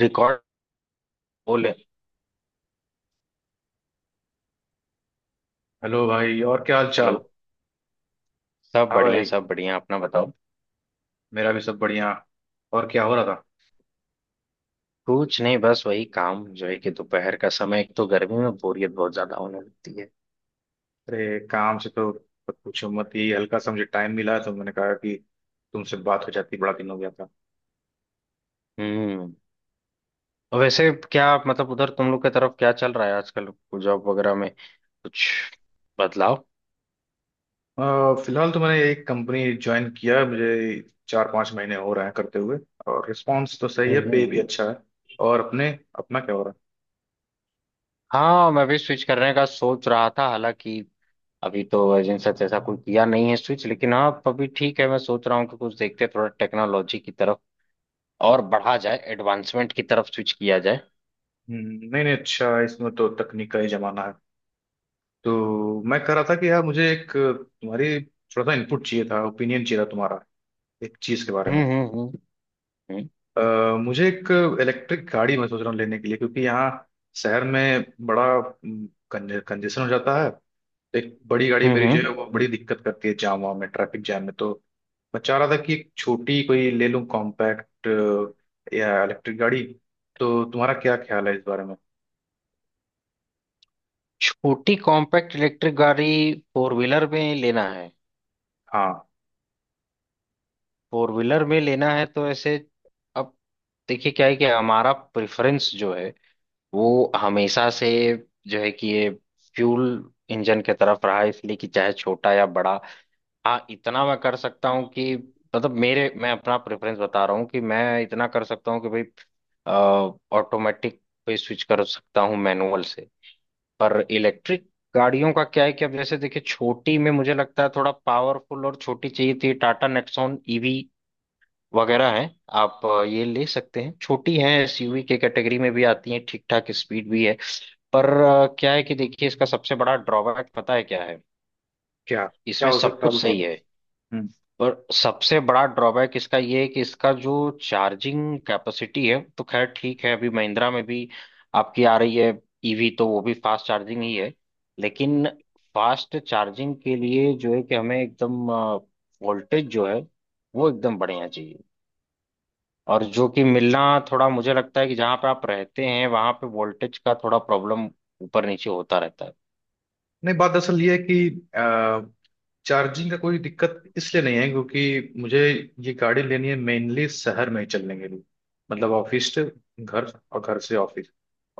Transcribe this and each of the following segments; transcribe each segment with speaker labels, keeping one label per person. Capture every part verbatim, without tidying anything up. Speaker 1: Record बोले।
Speaker 2: Hello भाई। और क्या हाल
Speaker 1: हेलो।
Speaker 2: चाल?
Speaker 1: सब
Speaker 2: हाँ
Speaker 1: बढ़िया
Speaker 2: भाई,
Speaker 1: सब बढ़िया, अपना बताओ।
Speaker 2: मेरा भी सब बढ़िया। और क्या हो रहा था?
Speaker 1: कुछ नहीं, बस वही काम जो है कि दोपहर का समय, एक तो गर्मी में बोरियत बहुत ज्यादा होने लगती है।
Speaker 2: अरे काम से तो मत पूछो मत ही। हल्का सा मुझे टाइम मिला तो मैंने कहा कि तुमसे बात हो जाती, बड़ा दिन हो गया था।
Speaker 1: हम्म। और वैसे क्या मतलब, उधर तुम लोग की तरफ क्या चल रहा है आजकल? जॉब वगैरह में कुछ बदलाव?
Speaker 2: अ, फिलहाल तो मैंने एक कंपनी ज्वाइन किया है, मुझे चार पांच महीने हो रहे हैं करते हुए। और रिस्पॉन्स तो सही है, पे भी
Speaker 1: हम्म।
Speaker 2: अच्छा है। और अपने अपना क्या हो रहा
Speaker 1: हाँ, मैं भी स्विच करने का सोच रहा था। हालांकि अभी तो एजेंसी से ऐसा कोई किया नहीं है स्विच, लेकिन हाँ अभी ठीक है। मैं सोच रहा हूँ कि कुछ देखते हैं, थोड़ा टेक्नोलॉजी की तरफ और बढ़ा जाए, एडवांसमेंट की तरफ स्विच किया जाए।
Speaker 2: है? हम्म, नहीं नहीं, अच्छा है, इसमें तो तकनीक का ही जमाना है। तो मैं कह रहा था कि यार मुझे एक तुम्हारी थोड़ा सा इनपुट चाहिए था, ओपिनियन चाहिए था तुम्हारा, एक चीज के बारे
Speaker 1: हम्म
Speaker 2: में।
Speaker 1: हम्म हम्म। हम्म।
Speaker 2: अ, मुझे एक इलेक्ट्रिक गाड़ी मैं सोच रहा हूँ लेने के लिए, क्योंकि यहाँ शहर में बड़ा कंजेशन हो जाता है। एक बड़ी गाड़ी
Speaker 1: हम्म।
Speaker 2: मेरी जो है
Speaker 1: हम्म।
Speaker 2: वो बड़ी दिक्कत करती है जाम वाम में, ट्रैफिक जाम में। तो मैं चाह रहा था कि एक छोटी कोई ले लूँ कॉम्पैक्ट या इलेक्ट्रिक गाड़ी। तो तुम्हारा क्या ख्याल है इस बारे में?
Speaker 1: छोटी कॉम्पैक्ट इलेक्ट्रिक गाड़ी फोर व्हीलर में लेना है?
Speaker 2: हाँ।
Speaker 1: फोर व्हीलर में लेना है, तो ऐसे अब देखिए क्या है कि हमारा प्रेफरेंस जो है वो हमेशा से जो है कि ये फ्यूल इंजन के तरफ रहा है। इसलिए कि चाहे छोटा या बड़ा, हाँ इतना मैं कर सकता हूँ कि मतलब मेरे मैं अपना प्रेफरेंस बता रहा हूँ कि मैं इतना कर सकता हूँ कि भाई ऑटोमेटिक पे स्विच कर सकता हूँ मैनुअल से। पर इलेक्ट्रिक गाड़ियों का क्या है कि अब जैसे देखिए, छोटी में मुझे लगता है थोड़ा पावरफुल और छोटी चाहिए थी। टाटा नेक्सॉन ईवी वगैरह है, आप अ, ये ले सकते हैं, छोटी है, एसयूवी के कैटेगरी में भी आती है, ठीक ठाक स्पीड भी है। पर अ, क्या है कि देखिए, इसका सबसे बड़ा ड्रॉबैक पता है क्या है?
Speaker 2: क्या क्या
Speaker 1: इसमें
Speaker 2: हो
Speaker 1: सब
Speaker 2: सकता है
Speaker 1: कुछ
Speaker 2: बताओ।
Speaker 1: सही है।
Speaker 2: हम्म।
Speaker 1: पर सबसे बड़ा ड्रॉबैक इसका ये है कि इसका जो चार्जिंग कैपेसिटी है, तो खैर ठीक है, अभी महिंद्रा में भी आपकी आ रही है ईवी, तो वो भी फास्ट चार्जिंग ही है। लेकिन फास्ट चार्जिंग के लिए जो है कि हमें एकदम वोल्टेज जो है वो एकदम बढ़िया चाहिए। और जो कि मिलना थोड़ा मुझे लगता है कि जहां पे आप रहते हैं वहां पे वोल्टेज का थोड़ा प्रॉब्लम, ऊपर नीचे होता रहता है।
Speaker 2: नहीं, बात दरअसल ये है कि चार्जिंग का कोई दिक्कत इसलिए नहीं है क्योंकि मुझे ये गाड़ी लेनी है मेनली शहर में ही चलने के लिए। मतलब ऑफिस से घर और घर से ऑफिस।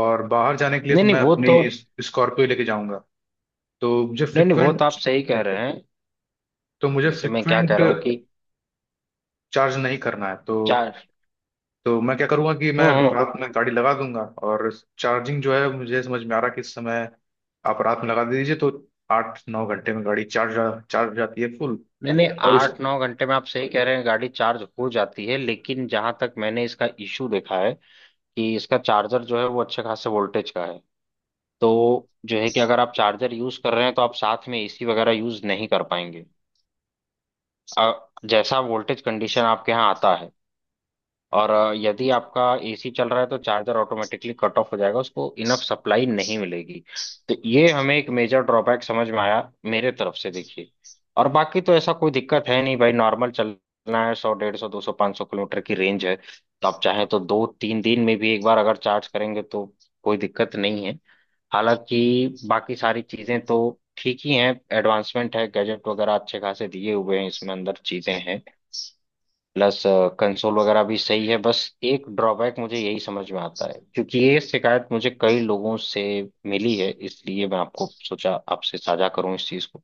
Speaker 2: और बाहर जाने के लिए
Speaker 1: नहीं
Speaker 2: तो
Speaker 1: नहीं
Speaker 2: मैं
Speaker 1: वो
Speaker 2: अपनी
Speaker 1: तो,
Speaker 2: स्कॉर्पियो लेके जाऊंगा। तो मुझे
Speaker 1: नहीं नहीं वो तो
Speaker 2: फ्रिक्वेंट
Speaker 1: आप सही कह रहे हैं।
Speaker 2: तो मुझे
Speaker 1: जैसे मैं क्या कह
Speaker 2: फ्रिक्वेंट
Speaker 1: रहा हूँ कि
Speaker 2: चार्ज नहीं करना है। तो
Speaker 1: चार।
Speaker 2: तो मैं क्या करूंगा कि मैं
Speaker 1: हम्म हम्म।
Speaker 2: रात में गाड़ी लगा दूंगा। और चार्जिंग जो है, मुझे समझ में आ रहा कि इस समय आप रात में लगा दीजिए तो आठ नौ घंटे में गाड़ी चार्ज चार्ज हो जाती है फुल।
Speaker 1: नहीं नहीं,
Speaker 2: और उस
Speaker 1: आठ नौ घंटे में आप सही कह रहे हैं, गाड़ी चार्ज हो जाती है। लेकिन जहां तक मैंने इसका इशू देखा है कि इसका चार्जर जो है वो अच्छे खासे वोल्टेज का है। तो जो है कि अगर आप चार्जर यूज कर रहे हैं तो आप साथ में एसी वगैरह यूज नहीं कर पाएंगे। अ, जैसा वोल्टेज कंडीशन आपके यहाँ आता है, और अ, यदि आपका एसी चल रहा है तो चार्जर ऑटोमेटिकली कट ऑफ हो जाएगा, उसको इनफ सप्लाई नहीं मिलेगी। तो ये हमें एक मेजर ड्रॉबैक समझ में आया मेरे तरफ से, देखिए। और बाकी तो ऐसा कोई दिक्कत है नहीं भाई, नॉर्मल चलना है, सौ डेढ़ सौ दो सौ पाँच सौ किलोमीटर की रेंज है। तो आप चाहें तो दो तीन दिन में भी एक बार अगर चार्ज करेंगे तो कोई दिक्कत नहीं है। हालांकि बाकी सारी चीजें तो ठीक ही हैं। एडवांसमेंट है, गैजेट वगैरह अच्छे खासे दिए हुए हैं, इसमें अंदर चीजें हैं, प्लस कंसोल वगैरह भी सही है। बस एक ड्रॉबैक मुझे यही समझ में आता है, क्योंकि ये शिकायत मुझे कई लोगों से मिली है, इसलिए मैं आपको सोचा आपसे साझा करूं इस चीज को।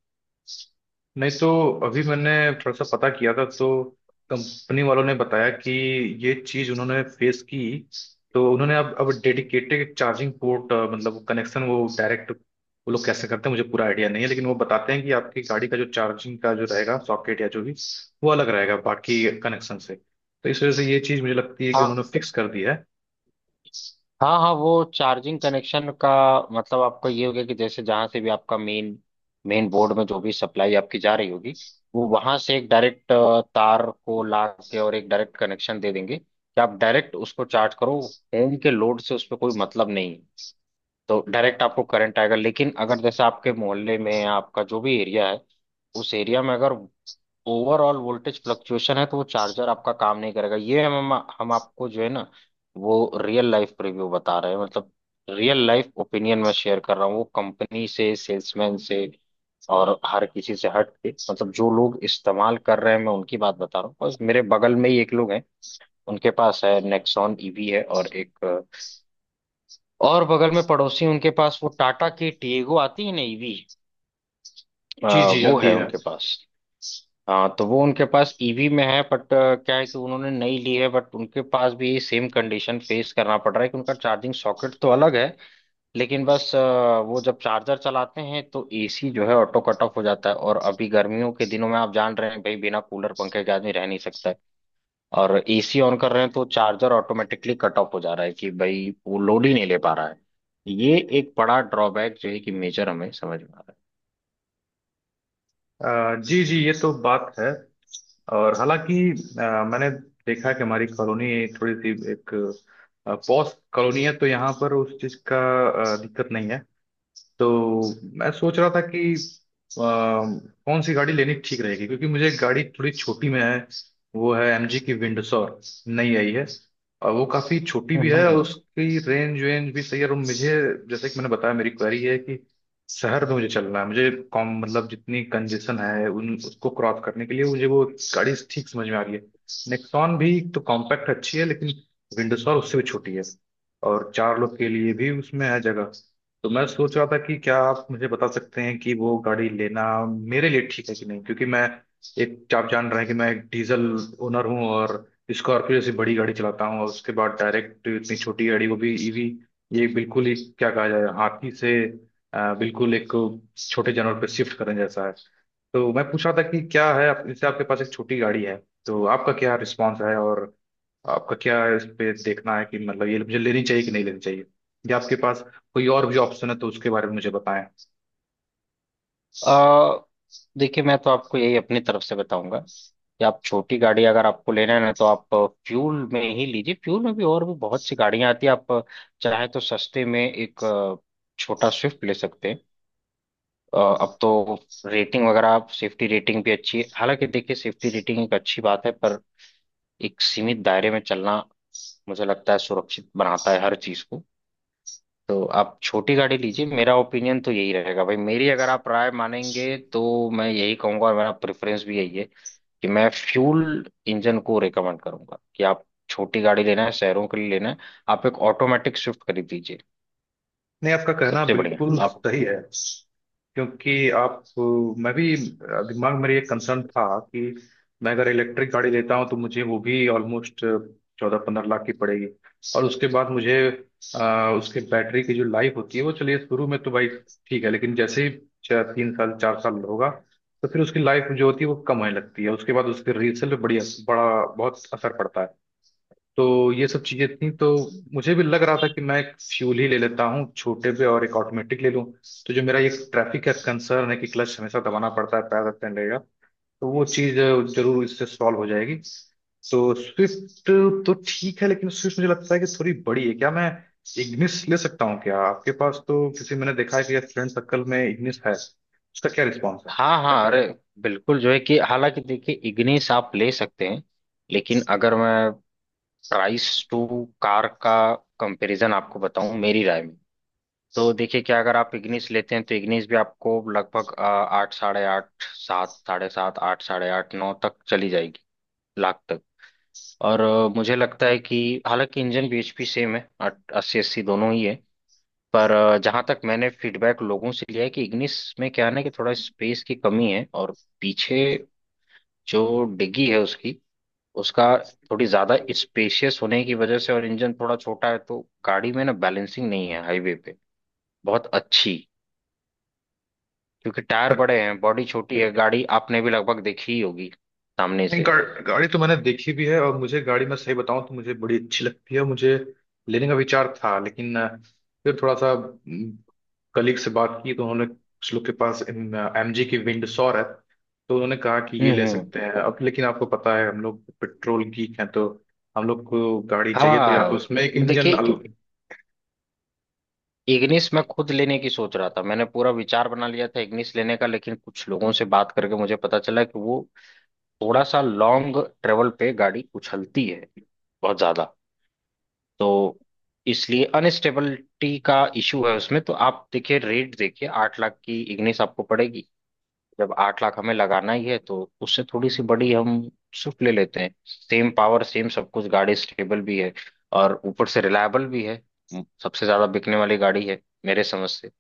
Speaker 2: नहीं तो अभी मैंने थोड़ा सा पता किया था तो कंपनी वालों ने बताया कि ये चीज उन्होंने फेस की। तो उन्होंने अब अब डेडिकेटेड चार्जिंग पोर्ट, मतलब कनेक्शन, वो डायरेक्ट, वो लोग कैसे करते हैं मुझे पूरा आइडिया नहीं है, लेकिन वो बताते हैं कि आपकी गाड़ी का जो चार्जिंग का जो रहेगा सॉकेट या जो भी, वो अलग रहेगा बाकी कनेक्शन से। तो इस वजह से ये चीज मुझे लगती है कि
Speaker 1: हाँ।
Speaker 2: उन्होंने फिक्स कर दी है।
Speaker 1: हाँ हाँ। वो चार्जिंग कनेक्शन का मतलब आपका ये हो गया कि जैसे जहां से भी आपका मेन मेन बोर्ड में जो भी सप्लाई आपकी जा रही होगी, वो वहां से एक डायरेक्ट तार को ला के और एक डायरेक्ट कनेक्शन दे देंगे कि आप डायरेक्ट उसको चार्ज करो, होम के लोड से उस पर कोई मतलब नहीं। तो डायरेक्ट आपको करंट आएगा। लेकिन अगर जैसे आपके मोहल्ले में या आपका जो भी एरिया है, उस एरिया में अगर ओवरऑल वोल्टेज फ्लक्चुएशन है तो वो चार्जर आपका काम नहीं करेगा। ये हम हम आपको जो है ना, वो रियल लाइफ रिव्यू बता रहे हैं। मतलब रियल लाइफ ओपिनियन मैं शेयर कर रहा हूँ, वो कंपनी से, सेल्समैन से और हर किसी से हट के, मतलब जो लोग इस्तेमाल कर रहे हैं मैं उनकी बात बता रहा हूँ। बस मेरे बगल में ही एक लोग हैं, उनके पास है, नेक्सॉन ईवी है, और एक और बगल में पड़ोसी, उनके पास वो टाटा की टीगो आती है ना ईवी,
Speaker 2: जी जी,
Speaker 1: वो
Speaker 2: आती
Speaker 1: है
Speaker 2: है।
Speaker 1: उनके पास। हाँ, तो वो उनके पास ईवी में है, बट क्या है कि उन्होंने नई ली है, बट उनके पास भी सेम कंडीशन फेस करना पड़ रहा है कि उनका चार्जिंग सॉकेट तो अलग है, लेकिन बस अ, वो जब चार्जर चलाते हैं तो एसी जो है ऑटो कट ऑफ हो जाता है। और अभी गर्मियों के दिनों में आप जान रहे हैं भाई, बिना कूलर पंखे के आदमी रह नहीं सकता है। और एसी ऑन कर रहे हैं तो चार्जर ऑटोमेटिकली कट ऑफ हो जा रहा है कि भाई वो लोड ही नहीं ले पा रहा है। ये एक बड़ा ड्रॉबैक जो है कि मेजर हमें समझ में आ रहा है।
Speaker 2: अ, जी जी, ये तो बात है। और हालांकि अ, मैंने देखा कि हमारी कॉलोनी थोड़ी सी एक पॉश कॉलोनी है, तो यहाँ पर उस चीज़ का अ, दिक्कत नहीं है। तो मैं सोच रहा था कि अ, कौन सी गाड़ी लेनी ठीक रहेगी, क्योंकि मुझे एक गाड़ी थोड़ी छोटी में है, वो है एमजी की विंडसर। नई आई है। और वो काफ़ी छोटी भी है और
Speaker 1: हम्म।
Speaker 2: उसकी रेंज वेंज भी सही है। और मुझे, जैसे कि मैंने बताया, मेरी क्वेरी है कि शहर में मुझे चलना है, मुझे कॉम मतलब जितनी कंजेशन है उन उसको क्रॉस करने के लिए मुझे वो गाड़ी ठीक समझ में आ रही है। नेक्सॉन भी तो कॉम्पैक्ट अच्छी है, लेकिन विंडसर उससे भी छोटी है। और चार लोग के लिए भी उसमें है जगह। तो मैं सोच रहा था कि क्या आप मुझे बता सकते हैं कि वो गाड़ी लेना मेरे लिए ठीक है कि नहीं, क्योंकि मैं एक, आप जान रहे हैं कि मैं एक डीजल ओनर हूँ और स्कॉर्पियो जैसी बड़ी गाड़ी चलाता हूँ, और उसके बाद डायरेक्ट इतनी छोटी गाड़ी, वो भी ईवी, ये बिल्कुल ही क्या कहा जाए, हाथी से अ, बिल्कुल एक छोटे जानवर पे शिफ्ट करने जैसा है। तो मैं पूछ रहा था कि क्या है आप, जैसे आपके पास एक छोटी गाड़ी है, तो आपका क्या रिस्पॉन्स है? और आपका क्या इस पे देखना है कि मतलब ये मुझे लेनी चाहिए कि नहीं लेनी चाहिए? या आपके पास कोई और भी ऑप्शन है तो उसके बारे में मुझे बताएं।
Speaker 1: अ, देखिए, मैं तो आपको यही अपनी तरफ से बताऊंगा कि आप छोटी गाड़ी अगर आपको लेना है ना तो आप फ्यूल में ही लीजिए। फ्यूल में भी और भी बहुत सी गाड़ियां आती है, आप चाहे तो सस्ते में एक अ, छोटा स्विफ्ट ले सकते हैं। अ, अब तो रेटिंग वगैरह, आप सेफ्टी रेटिंग भी अच्छी है। हालांकि देखिए सेफ्टी रेटिंग एक अच्छी बात है, पर एक सीमित दायरे में चलना मुझे लगता है सुरक्षित बनाता है हर चीज को। तो आप छोटी गाड़ी लीजिए, मेरा ओपिनियन तो यही रहेगा भाई, मेरी अगर आप राय मानेंगे तो मैं यही कहूंगा। और मेरा प्रेफरेंस भी यही है कि मैं फ्यूल इंजन को रेकमेंड करूंगा कि आप छोटी गाड़ी लेना है शहरों के लिए लेना है, आप एक ऑटोमेटिक स्विफ्ट खरीद लीजिए
Speaker 2: नहीं, आपका कहना
Speaker 1: सबसे बढ़िया
Speaker 2: बिल्कुल
Speaker 1: आप।
Speaker 2: सही है क्योंकि आप, मैं भी दिमाग में मेरे ये कंसर्न था कि मैं अगर इलेक्ट्रिक गाड़ी लेता हूं तो मुझे वो भी ऑलमोस्ट चौदह पंद्रह लाख की पड़ेगी। और उसके बाद मुझे अ, उसके बैटरी की जो लाइफ होती है वो चलिए शुरू में तो भाई ठीक है, लेकिन जैसे ही चार तीन साल चार साल होगा तो फिर उसकी लाइफ जो होती है वो कम होने लगती है, उसके बाद उसके रीसेल पे बड़ी बड़ा बहुत असर पड़ता है। तो ये सब चीजें थी, तो मुझे भी लग रहा था कि मैं एक फ्यूल ही ले लेता हूँ छोटे पे, और एक ऑटोमेटिक ले लूँ। तो जो मेरा ये ट्रैफिक का कंसर्न है कि क्लच हमेशा दबाना पड़ता है, पैर रखते रहेगा, तो वो चीज जरूर इससे सॉल्व हो जाएगी। तो स्विफ्ट तो ठीक है, लेकिन स्विफ्ट मुझे लगता है कि थोड़ी बड़ी है। क्या मैं इग्निस ले सकता हूँ? क्या आपके पास तो किसी, मैंने देखा है कि फ्रेंड सर्कल में इग्निस है, उसका क्या रिस्पॉन्स
Speaker 1: हाँ हाँ, अरे बिल्कुल जो है कि हालांकि देखिए इग्निस आप ले सकते हैं, लेकिन अगर मैं प्राइस टू कार का कंपैरिजन आपको बताऊं मेरी राय में, तो देखिए क्या अगर आप इग्निस लेते हैं तो इग्निस भी आपको लगभग अ, आठ साढ़े आठ सात साढ़े सात आठ साढ़े आठ नौ तक चली जाएगी, लाख तक। और अ, मुझे लगता है कि हालांकि इंजन bhp सेम है, आठ- अस्सी अस्सी दोनों ही है। पर अ, जहां तक मैंने फीडबैक लोगों से लिया है कि इग्निस में क्या है ना कि थोड़ा स्पेस की कमी है। और पीछे जो डिग्गी है, उसकी उसका थोड़ी ज्यादा स्पेशियस होने की वजह से और इंजन थोड़ा छोटा है तो गाड़ी में ना बैलेंसिंग नहीं है हाईवे पे बहुत अच्छी, क्योंकि टायर
Speaker 2: है?
Speaker 1: बड़े हैं, बॉडी छोटी है, गाड़ी आपने भी लगभग देखी ही होगी सामने
Speaker 2: नहीं, गा,
Speaker 1: से।
Speaker 2: गाड़ी तो मैंने देखी भी है, और मुझे गाड़ी, मैं सही बताऊं तो मुझे बड़ी अच्छी लगती है, मुझे लेने का विचार था, लेकिन अ, फिर थोड़ा सा कलीग से बात की तो उन्होंने, कुछ लोग के पास एमजी की विंडसर है, तो उन्होंने कहा कि ये
Speaker 1: हम्म
Speaker 2: ले
Speaker 1: हम्म।
Speaker 2: सकते हैं। अब लेकिन आपको पता है हम लोग पेट्रोल गीक हैं, तो हम लोग को गाड़ी चाहिए तो या तो उसमें एक
Speaker 1: हाँ
Speaker 2: इंजन
Speaker 1: देखिए,
Speaker 2: अल-
Speaker 1: इग्निस मैं खुद लेने की सोच रहा था, मैंने पूरा विचार बना लिया था इग्निस लेने का। लेकिन कुछ लोगों से बात करके मुझे पता चला कि वो थोड़ा सा लॉन्ग ट्रेवल पे गाड़ी उछलती है बहुत ज्यादा। तो इसलिए अनस्टेबिलिटी का इशू है उसमें। तो आप देखिए, रेट देखिए, आठ लाख की इग्निस आपको पड़ेगी। जब आठ लाख हमें लगाना ही है तो उससे थोड़ी सी बड़ी हम स्विफ्ट ले लेते हैं, सेम पावर सेम सब कुछ, गाड़ी स्टेबल भी है और ऊपर से रिलायबल भी है। म- सबसे ज्यादा बिकने वाली गाड़ी है मेरे समझ से।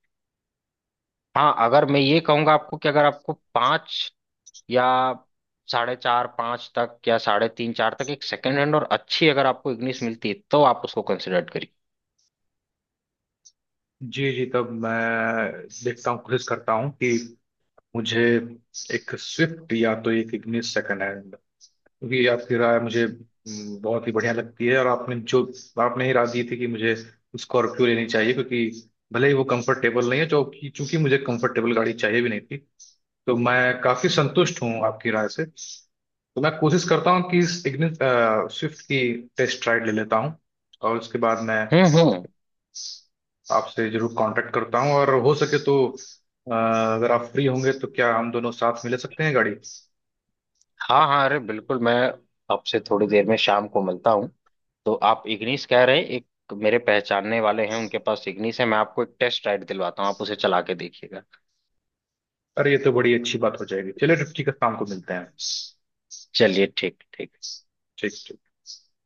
Speaker 1: हाँ अगर मैं ये कहूंगा आपको कि अगर आपको पाँच या साढ़े चार पाँच तक, या साढ़े तीन चार तक एक सेकंड हैंड और अच्छी अगर आपको इग्निस मिलती है तो आप उसको कंसिडर करिए।
Speaker 2: जी जी, तब मैं देखता हूँ, कोशिश करता हूँ कि मुझे एक स्विफ्ट या तो एक इग्निस सेकंड है, क्योंकि आपकी राय मुझे हम्म, बहुत ही बढ़िया लगती है। और आपने जो आपने ही राय दी थी कि मुझे स्कॉर्पियो लेनी चाहिए, क्योंकि भले ही वो कंफर्टेबल नहीं है, जो कि चूंकि मुझे कंफर्टेबल गाड़ी चाहिए भी नहीं थी, तो मैं काफी संतुष्ट हूँ आपकी राय से। तो मैं कोशिश करता हूँ कि इस इग्निस स्विफ्ट की टेस्ट राइड ले लेता हूँ, और उसके बाद मैं
Speaker 1: हम्म हम्म।
Speaker 2: आपसे जरूर कांटेक्ट करता हूँ। और हो सके तो अ, अगर आप फ्री होंगे तो क्या हम दोनों साथ में ले सकते हैं गाड़ी?
Speaker 1: हाँ हाँ, अरे बिल्कुल, मैं आपसे थोड़ी देर में शाम को मिलता हूँ। तो आप इग्निस कह रहे हैं, एक मेरे पहचानने वाले हैं उनके पास इग्निस है, मैं आपको एक टेस्ट राइड दिलवाता हूँ, आप उसे चला के देखिएगा।
Speaker 2: अरे, ये तो बड़ी अच्छी बात हो जाएगी। चलिए, फिफ्टी का शाम को मिलते हैं।
Speaker 1: चलिए ठीक ठीक।
Speaker 2: ठीक ठीक।